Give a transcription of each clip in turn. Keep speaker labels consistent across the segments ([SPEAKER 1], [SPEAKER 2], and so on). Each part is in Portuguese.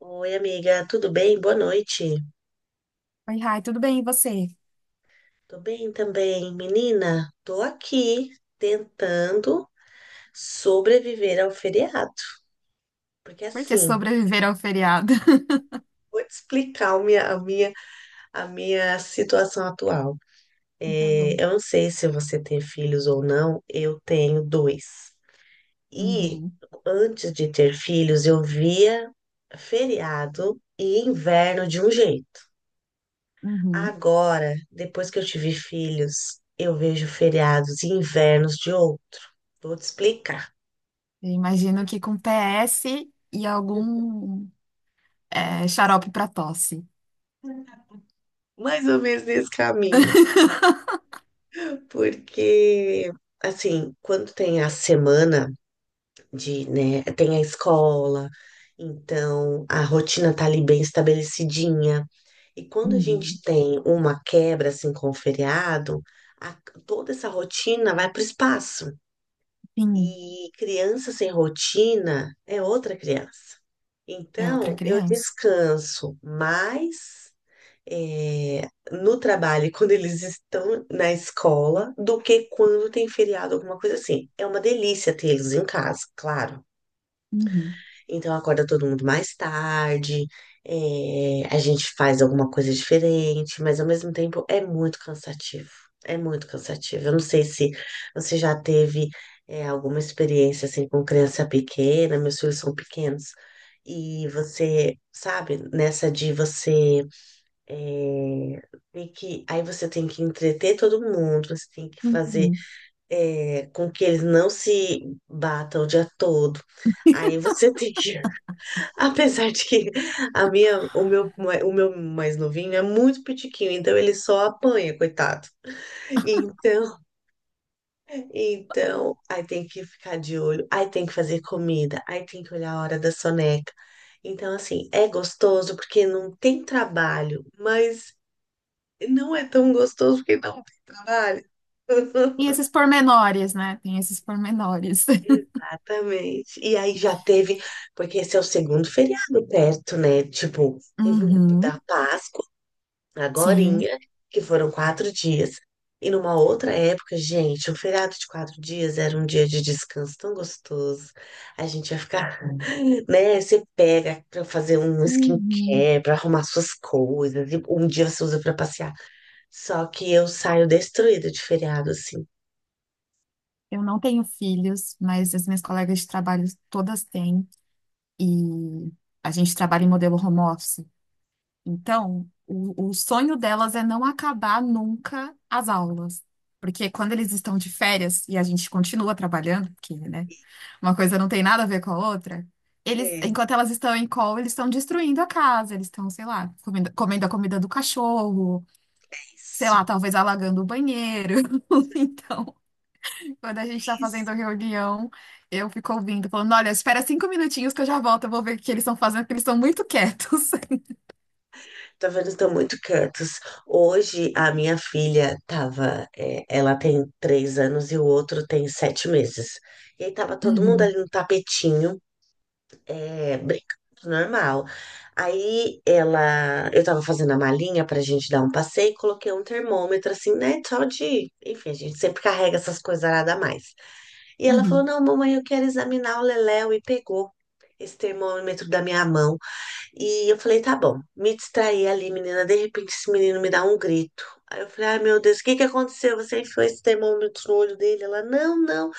[SPEAKER 1] Oi, amiga, tudo bem? Boa noite.
[SPEAKER 2] Oi, Rai, tudo bem? E você?
[SPEAKER 1] Tô bem também. Menina, tô aqui tentando sobreviver ao feriado, porque
[SPEAKER 2] Por que
[SPEAKER 1] assim,
[SPEAKER 2] sobreviver ao feriado?
[SPEAKER 1] vou te explicar a minha situação atual.
[SPEAKER 2] Tá bom.
[SPEAKER 1] Eu não sei se você tem filhos ou não, eu tenho dois. E
[SPEAKER 2] Uhum,
[SPEAKER 1] antes de ter filhos, eu via feriado e inverno de um jeito.
[SPEAKER 2] uhum.
[SPEAKER 1] Agora, depois que eu tive filhos, eu vejo feriados e invernos de outro. Vou te explicar.
[SPEAKER 2] Eu imagino que com PS e algum xarope para tosse.
[SPEAKER 1] Mais ou menos nesse caminho. Porque, assim, quando tem a semana de, né, tem a escola, então a rotina tá ali bem estabelecidinha. E quando a gente
[SPEAKER 2] Uhum.
[SPEAKER 1] tem uma quebra, assim, com o feriado, a- toda essa rotina vai pro espaço.
[SPEAKER 2] Sim,
[SPEAKER 1] E criança sem rotina é outra criança.
[SPEAKER 2] é outra
[SPEAKER 1] Então, eu
[SPEAKER 2] criança.
[SPEAKER 1] descanso mais eh, no trabalho e quando eles estão na escola do que quando tem feriado, alguma coisa assim. É uma delícia tê-los em casa, claro.
[SPEAKER 2] Uhum,
[SPEAKER 1] Então acorda todo mundo mais tarde, a gente faz alguma coisa diferente, mas ao mesmo tempo é muito cansativo. É muito cansativo. Eu não sei se você já teve, alguma experiência assim com criança pequena, meus filhos são pequenos, e você, sabe, nessa de você eh, tem que, aí você tem que entreter todo mundo, você tem que fazer
[SPEAKER 2] uhum.
[SPEAKER 1] com que eles não se batam o dia todo. Aí você tem que apesar de que a minha, o meu, mai- o meu mais novinho é muito pitiquinho, então ele só apanha, coitado. Então, então, aí tem que ficar de olho, aí tem que fazer comida, aí tem que olhar a hora da soneca. Então, assim, é gostoso porque não tem trabalho, mas não é tão gostoso porque não tem trabalho.
[SPEAKER 2] Tem esses pormenores, né? Tem esses pormenores.
[SPEAKER 1] Exatamente. E aí já teve, porque esse é o segundo feriado perto, né? Tipo, teve o
[SPEAKER 2] Uhum,
[SPEAKER 1] da Páscoa.
[SPEAKER 2] sim.
[SPEAKER 1] Agorinha, que foram 4 dias. E numa outra época, gente, um feriado de 4 dias era um dia de descanso tão gostoso. A gente ia ficar, né? Você pega pra fazer um
[SPEAKER 2] Uhum.
[SPEAKER 1] skincare, pra arrumar suas coisas, e um dia você usa pra passear. Só que eu saio destruída de feriado, assim.
[SPEAKER 2] Eu não tenho filhos, mas as minhas colegas de trabalho todas têm. E a gente trabalha em modelo home office. Então, o sonho delas é não acabar nunca as aulas. Porque quando eles estão de férias e a gente continua trabalhando, porque, né, uma coisa não tem nada a ver com a outra, eles,
[SPEAKER 1] É,
[SPEAKER 2] enquanto elas estão em call, eles estão destruindo a casa, eles estão, sei lá, comendo a comida do cachorro, sei
[SPEAKER 1] isso.
[SPEAKER 2] lá, talvez alagando o banheiro. Então, quando a gente está fazendo a reunião, eu fico ouvindo, falando, olha, espera 5 minutinhos que eu já volto, eu vou ver o que eles estão fazendo, porque eles estão muito quietos.
[SPEAKER 1] Tá vendo? Estão muito quietos. Hoje, a minha filha tava. É, ela tem 3 anos e o outro tem 7 meses. E aí tava todo mundo
[SPEAKER 2] Uhum,
[SPEAKER 1] ali no tapetinho, brincando, normal. Aí ela. Eu tava fazendo a malinha pra gente dar um passeio e coloquei um termômetro assim, né? Só de. Enfim, a gente sempre carrega essas coisas nada mais. E ela falou:
[SPEAKER 2] uhum.
[SPEAKER 1] Não, mamãe, eu quero examinar o Leléu. E pegou esse termômetro da minha mão. E eu falei, tá bom, me distraí ali, menina. De repente, esse menino me dá um grito. Aí eu falei, ai meu Deus, o que que aconteceu? Você enfiou esse termômetro no olho dele? Ela, não, não,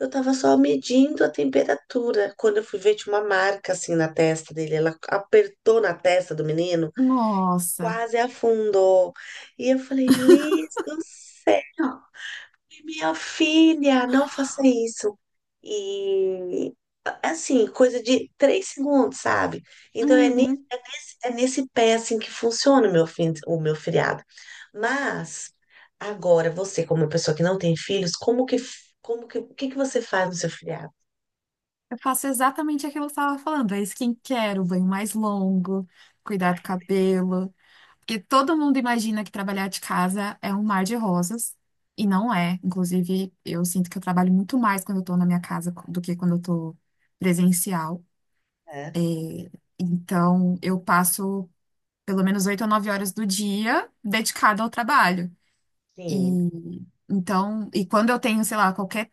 [SPEAKER 1] eu tava só medindo a temperatura. Quando eu fui ver, tinha uma marca assim na testa dele. Ela apertou na testa do menino,
[SPEAKER 2] Nossa.
[SPEAKER 1] quase afundou. E eu falei, Liz do céu, minha filha, não faça isso. E assim, coisa de 3 segundos, sabe? Então é
[SPEAKER 2] Uhum.
[SPEAKER 1] é nesse pé assim que funciona o meu feriado. Mas agora você, como uma pessoa que não tem filhos, como que o que que você faz no seu feriado?
[SPEAKER 2] Eu faço exatamente aquilo que eu estava falando. É skincare, o banho mais longo, cuidar do cabelo. Porque todo mundo imagina que trabalhar de casa é um mar de rosas. E não é. Inclusive, eu sinto que eu trabalho muito mais quando eu estou na minha casa do que quando eu estou presencial.
[SPEAKER 1] É,
[SPEAKER 2] Então, eu passo pelo menos 8 ou 9 horas do dia dedicada ao trabalho.
[SPEAKER 1] sim,
[SPEAKER 2] E então, e quando eu tenho, sei lá, qualquer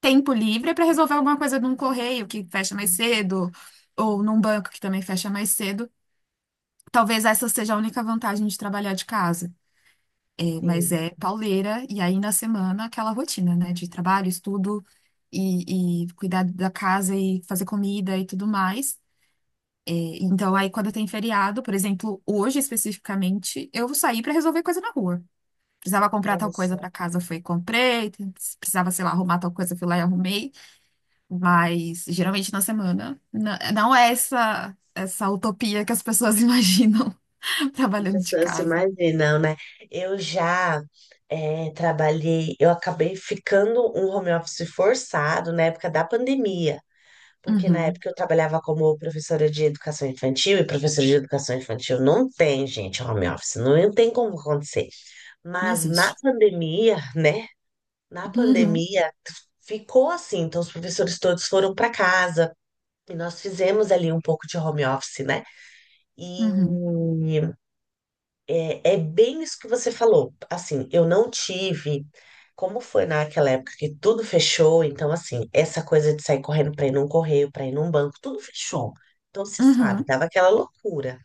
[SPEAKER 2] tempo livre para resolver alguma coisa num correio que fecha mais cedo, ou num banco que também fecha mais cedo. Talvez essa seja a única vantagem de trabalhar de casa. É, mas
[SPEAKER 1] sim.
[SPEAKER 2] é pauleira e aí na semana aquela rotina, né? De trabalho, estudo e cuidar da casa e fazer comida e tudo mais. É, então aí quando tem feriado, por exemplo, hoje especificamente, eu saí para resolver coisa na rua. Precisava comprar
[SPEAKER 1] Olha
[SPEAKER 2] tal coisa
[SPEAKER 1] só,
[SPEAKER 2] para casa, foi e comprei. Precisava, sei lá, arrumar tal coisa, fui lá e arrumei. Mas geralmente na semana. Não é essa utopia que as pessoas imaginam
[SPEAKER 1] as
[SPEAKER 2] trabalhando de
[SPEAKER 1] pessoas se
[SPEAKER 2] casa.
[SPEAKER 1] imaginam, né? Eu já trabalhei, eu acabei ficando um home office forçado na época da pandemia. Porque na
[SPEAKER 2] Uhum,
[SPEAKER 1] época eu trabalhava como professora de educação infantil, e professora de educação infantil não tem, gente, home office, não tem como acontecer.
[SPEAKER 2] não
[SPEAKER 1] Mas na
[SPEAKER 2] existe.
[SPEAKER 1] pandemia, né? Na
[SPEAKER 2] Uhum,
[SPEAKER 1] pandemia ficou assim, então os professores todos foram para casa e nós fizemos ali um pouco de home office, né? E
[SPEAKER 2] uhum,
[SPEAKER 1] é bem isso que você falou. Assim, eu não tive. Como foi naquela época que tudo fechou, então, assim, essa coisa de sair correndo para ir num correio, para ir num banco, tudo fechou. Então, se sabe,
[SPEAKER 2] uhum.
[SPEAKER 1] tava aquela loucura.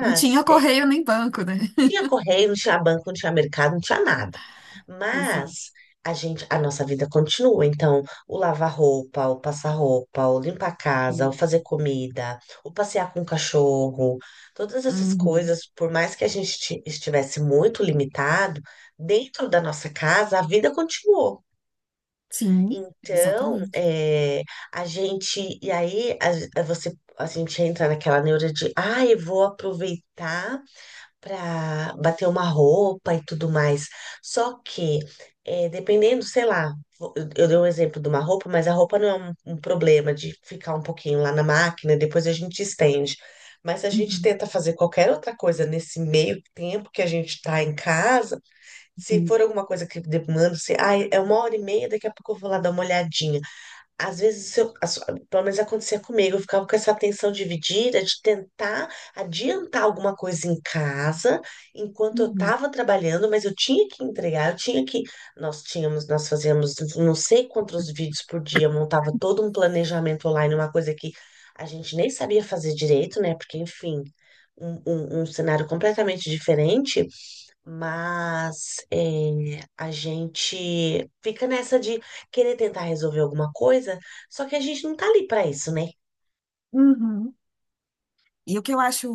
[SPEAKER 2] Não tinha correio nem banco, né?
[SPEAKER 1] tinha correio, não tinha banco, não tinha mercado, não tinha nada.
[SPEAKER 2] Exato.
[SPEAKER 1] Mas a gente, a nossa vida continua. Então, o lavar roupa, o passar roupa, o limpar a casa, o fazer
[SPEAKER 2] Uhum.
[SPEAKER 1] comida, o passear com o cachorro, todas essas
[SPEAKER 2] Uhum.
[SPEAKER 1] coisas, por mais que a gente estivesse muito limitado, dentro da nossa casa, a vida continuou.
[SPEAKER 2] Sim,
[SPEAKER 1] Então,
[SPEAKER 2] exatamente.
[SPEAKER 1] é, a gente, e aí a gente entra naquela neura de, ah, eu vou aproveitar para bater uma roupa e tudo mais. Só que, dependendo, sei lá, eu dei um exemplo de uma roupa, mas a roupa não é um problema de ficar um pouquinho lá na máquina, depois a gente estende. Mas se a gente
[SPEAKER 2] Uhum.
[SPEAKER 1] tenta fazer qualquer outra coisa nesse meio tempo que a gente está em casa, se
[SPEAKER 2] Sim.
[SPEAKER 1] for alguma coisa que demanda, se, ai, é 1h30, daqui a pouco eu vou lá dar uma olhadinha. Às vezes, pelo menos acontecia comigo, eu ficava com essa tensão dividida de tentar adiantar alguma coisa em casa enquanto eu
[SPEAKER 2] Uhum.
[SPEAKER 1] estava trabalhando, mas eu tinha que entregar, eu tinha que. Nós tínhamos, nós fazíamos não sei quantos vídeos por dia, eu montava todo um planejamento online, uma coisa que a gente nem sabia fazer direito, né? Porque, enfim, um cenário completamente diferente. Mas é, a gente fica nessa de querer tentar resolver alguma coisa, só que a gente não tá ali para isso, né?
[SPEAKER 2] Uhum. E o que eu acho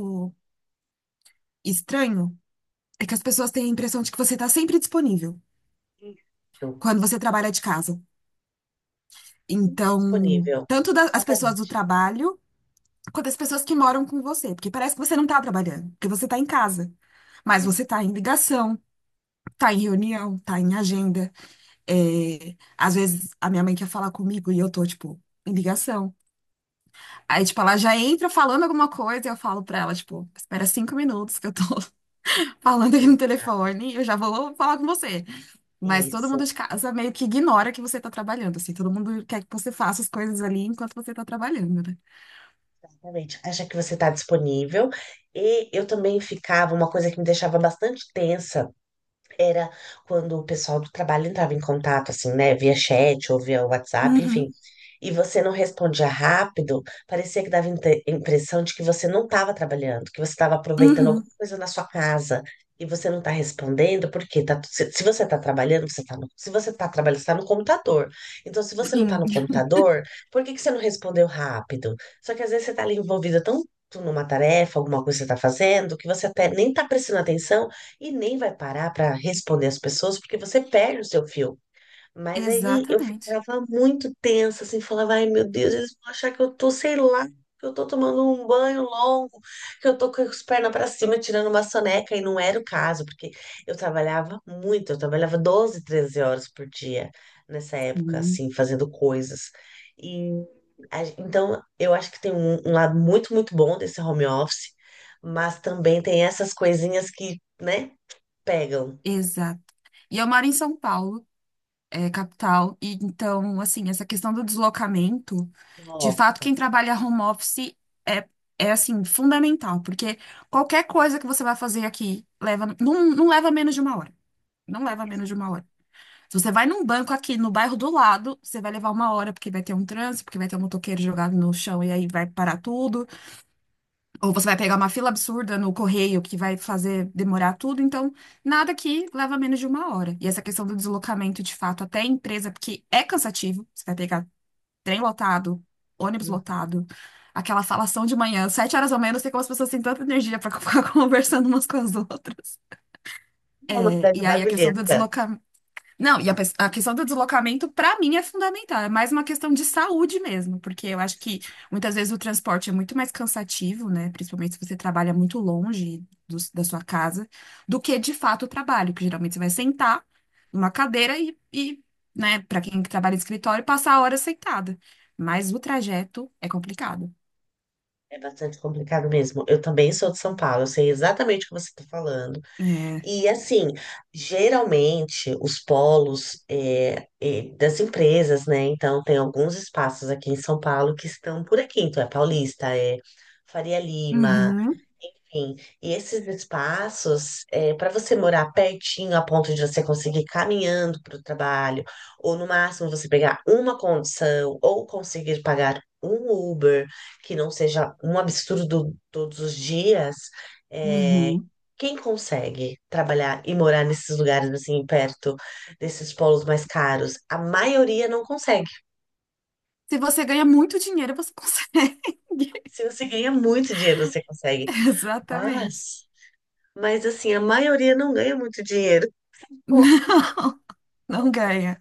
[SPEAKER 2] estranho é que as pessoas têm a impressão de que você está sempre disponível
[SPEAKER 1] Então,
[SPEAKER 2] quando você trabalha de casa.
[SPEAKER 1] sempre
[SPEAKER 2] Então,
[SPEAKER 1] disponível.
[SPEAKER 2] tanto as pessoas do
[SPEAKER 1] Exatamente.
[SPEAKER 2] trabalho quanto as pessoas que moram com você, porque parece que você não está trabalhando, porque você está em casa. Mas
[SPEAKER 1] Isso,
[SPEAKER 2] você está em ligação, tá em reunião, tá em agenda. É, às vezes a minha mãe quer falar comigo e eu tô, tipo, em ligação. Aí, tipo, ela já entra falando alguma coisa e eu falo pra ela, tipo, espera 5 minutos que eu tô falando aqui no
[SPEAKER 1] exa-
[SPEAKER 2] telefone e eu já vou falar com você. Mas todo mundo
[SPEAKER 1] isso,
[SPEAKER 2] de casa meio que ignora que você tá trabalhando, assim, todo mundo quer que você faça as coisas ali enquanto você tá trabalhando, né?
[SPEAKER 1] exatamente. Acha que você está disponível. E eu também ficava, uma coisa que me deixava bastante tensa. Era quando o pessoal do trabalho entrava em contato, assim, né, via chat ou via WhatsApp, enfim,
[SPEAKER 2] Uhum,
[SPEAKER 1] e você não respondia rápido, parecia que dava impressão de que você não estava trabalhando, que você estava aproveitando alguma
[SPEAKER 2] uhum,
[SPEAKER 1] coisa na sua casa e você não está respondendo, porque tá, se você está trabalhando, você tá no, se você está trabalhando, você está no computador. Então, se você não está
[SPEAKER 2] sim.
[SPEAKER 1] no computador, por que que você não respondeu rápido? Só que às vezes você está ali envolvida tanto numa tarefa, alguma coisa que você está fazendo, que você até nem está prestando atenção. E nem vai parar para responder as pessoas, porque você perde o seu fio. Mas aí eu
[SPEAKER 2] Exatamente.
[SPEAKER 1] ficava muito tensa, assim, falava, ai meu Deus, eles vão achar que eu tô, sei lá, que eu tô tomando um banho longo, que eu tô com as pernas para cima, tirando uma soneca, e não era o caso, porque eu trabalhava muito, eu trabalhava 12, 13 horas por dia nessa época,
[SPEAKER 2] Uhum.
[SPEAKER 1] assim, fazendo coisas. E então eu acho que tem um, um lado muito, muito bom desse home office, mas também tem essas coisinhas que, né? Pegam.
[SPEAKER 2] Exato. E eu moro em São Paulo, capital, e então, assim, essa questão do deslocamento, de
[SPEAKER 1] Ó,
[SPEAKER 2] fato, quem trabalha home office é, é assim, fundamental, porque qualquer coisa que você vai fazer aqui leva, não, não leva menos de uma hora. Não leva menos
[SPEAKER 1] essa-
[SPEAKER 2] de uma hora. Se você vai num banco aqui no bairro do lado, você vai levar uma hora, porque vai ter um trânsito, porque vai ter um motoqueiro jogado no chão e aí vai parar tudo. Ou você vai pegar uma fila absurda no correio que vai fazer demorar tudo, então nada que leva menos de uma hora. E essa questão do deslocamento de fato até a empresa, porque é cansativo, você vai pegar trem lotado, ônibus
[SPEAKER 1] Uhum.
[SPEAKER 2] lotado, aquela falação de manhã, 7 horas ou menos, não sei como as pessoas têm tanta energia para ficar conversando umas com as outras.
[SPEAKER 1] É uma
[SPEAKER 2] É,
[SPEAKER 1] cidade
[SPEAKER 2] e aí a questão do
[SPEAKER 1] barulhenta.
[SPEAKER 2] deslocamento. Não, e a questão do deslocamento, para mim, é fundamental. É mais uma questão de saúde mesmo, porque eu acho que muitas vezes o transporte é muito mais cansativo, né? Principalmente se você trabalha muito longe da sua casa, do que de fato o trabalho, que geralmente você vai sentar numa cadeira e, né, para quem trabalha em escritório, passar a hora sentada. Mas o trajeto é complicado.
[SPEAKER 1] É bastante complicado mesmo. Eu também sou de São Paulo, eu sei exatamente o que você está falando.
[SPEAKER 2] É.
[SPEAKER 1] E assim, geralmente os polos das empresas, né? Então tem alguns espaços aqui em São Paulo que estão por aqui. Então é Paulista, é Faria Lima,
[SPEAKER 2] Uhum,
[SPEAKER 1] enfim, e esses espaços, para você morar pertinho a ponto de você conseguir ir caminhando para o trabalho, ou no máximo você pegar uma condição, ou conseguir pagar um Uber, que não seja um absurdo todos os dias, é,
[SPEAKER 2] uhum.
[SPEAKER 1] quem consegue trabalhar e morar nesses lugares assim, perto desses polos mais caros? A maioria não consegue.
[SPEAKER 2] Se você ganha muito dinheiro, você consegue.
[SPEAKER 1] Se você ganha muito dinheiro, você consegue.
[SPEAKER 2] Exatamente.
[SPEAKER 1] Mas, mas assim, a maioria não ganha muito dinheiro. Como que
[SPEAKER 2] Não ganha.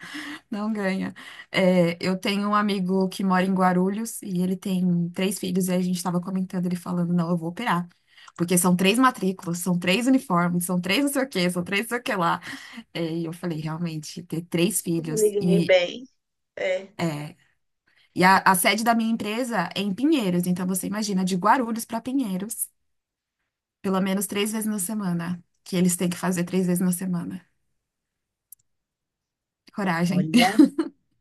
[SPEAKER 2] Não ganha. É, eu tenho um amigo que mora em Guarulhos e ele tem três filhos, e a gente estava comentando, ele falando, não, eu vou operar. Porque são três matrículas, são três uniformes, são três não sei o quê, são três não sei o que lá. É, e eu falei, realmente, ter três
[SPEAKER 1] eu me
[SPEAKER 2] filhos
[SPEAKER 1] liguei
[SPEAKER 2] e.
[SPEAKER 1] bem? É.
[SPEAKER 2] É, e a sede da minha empresa é em Pinheiros, então você imagina, de Guarulhos para Pinheiros, pelo menos três vezes na semana, que eles têm que fazer três vezes na semana. Coragem.
[SPEAKER 1] Olha,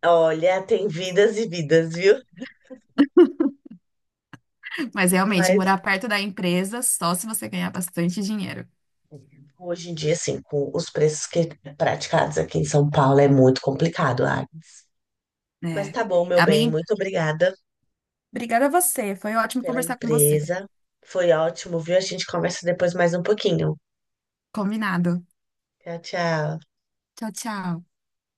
[SPEAKER 1] olha, tem vidas e vidas, viu?
[SPEAKER 2] Mas realmente,
[SPEAKER 1] Mas
[SPEAKER 2] morar perto da empresa só se você ganhar bastante dinheiro.
[SPEAKER 1] hoje em dia, assim, com os preços que praticados aqui em São Paulo é muito complicado, Agnes. Mas
[SPEAKER 2] É.
[SPEAKER 1] tá bom, meu bem,
[SPEAKER 2] Amiga,
[SPEAKER 1] muito obrigada
[SPEAKER 2] obrigada a você. Foi ótimo
[SPEAKER 1] pela
[SPEAKER 2] conversar com você.
[SPEAKER 1] empresa. Foi ótimo, viu? A gente conversa depois mais um pouquinho.
[SPEAKER 2] Combinado.
[SPEAKER 1] Tchau, tchau.
[SPEAKER 2] Tchau, tchau.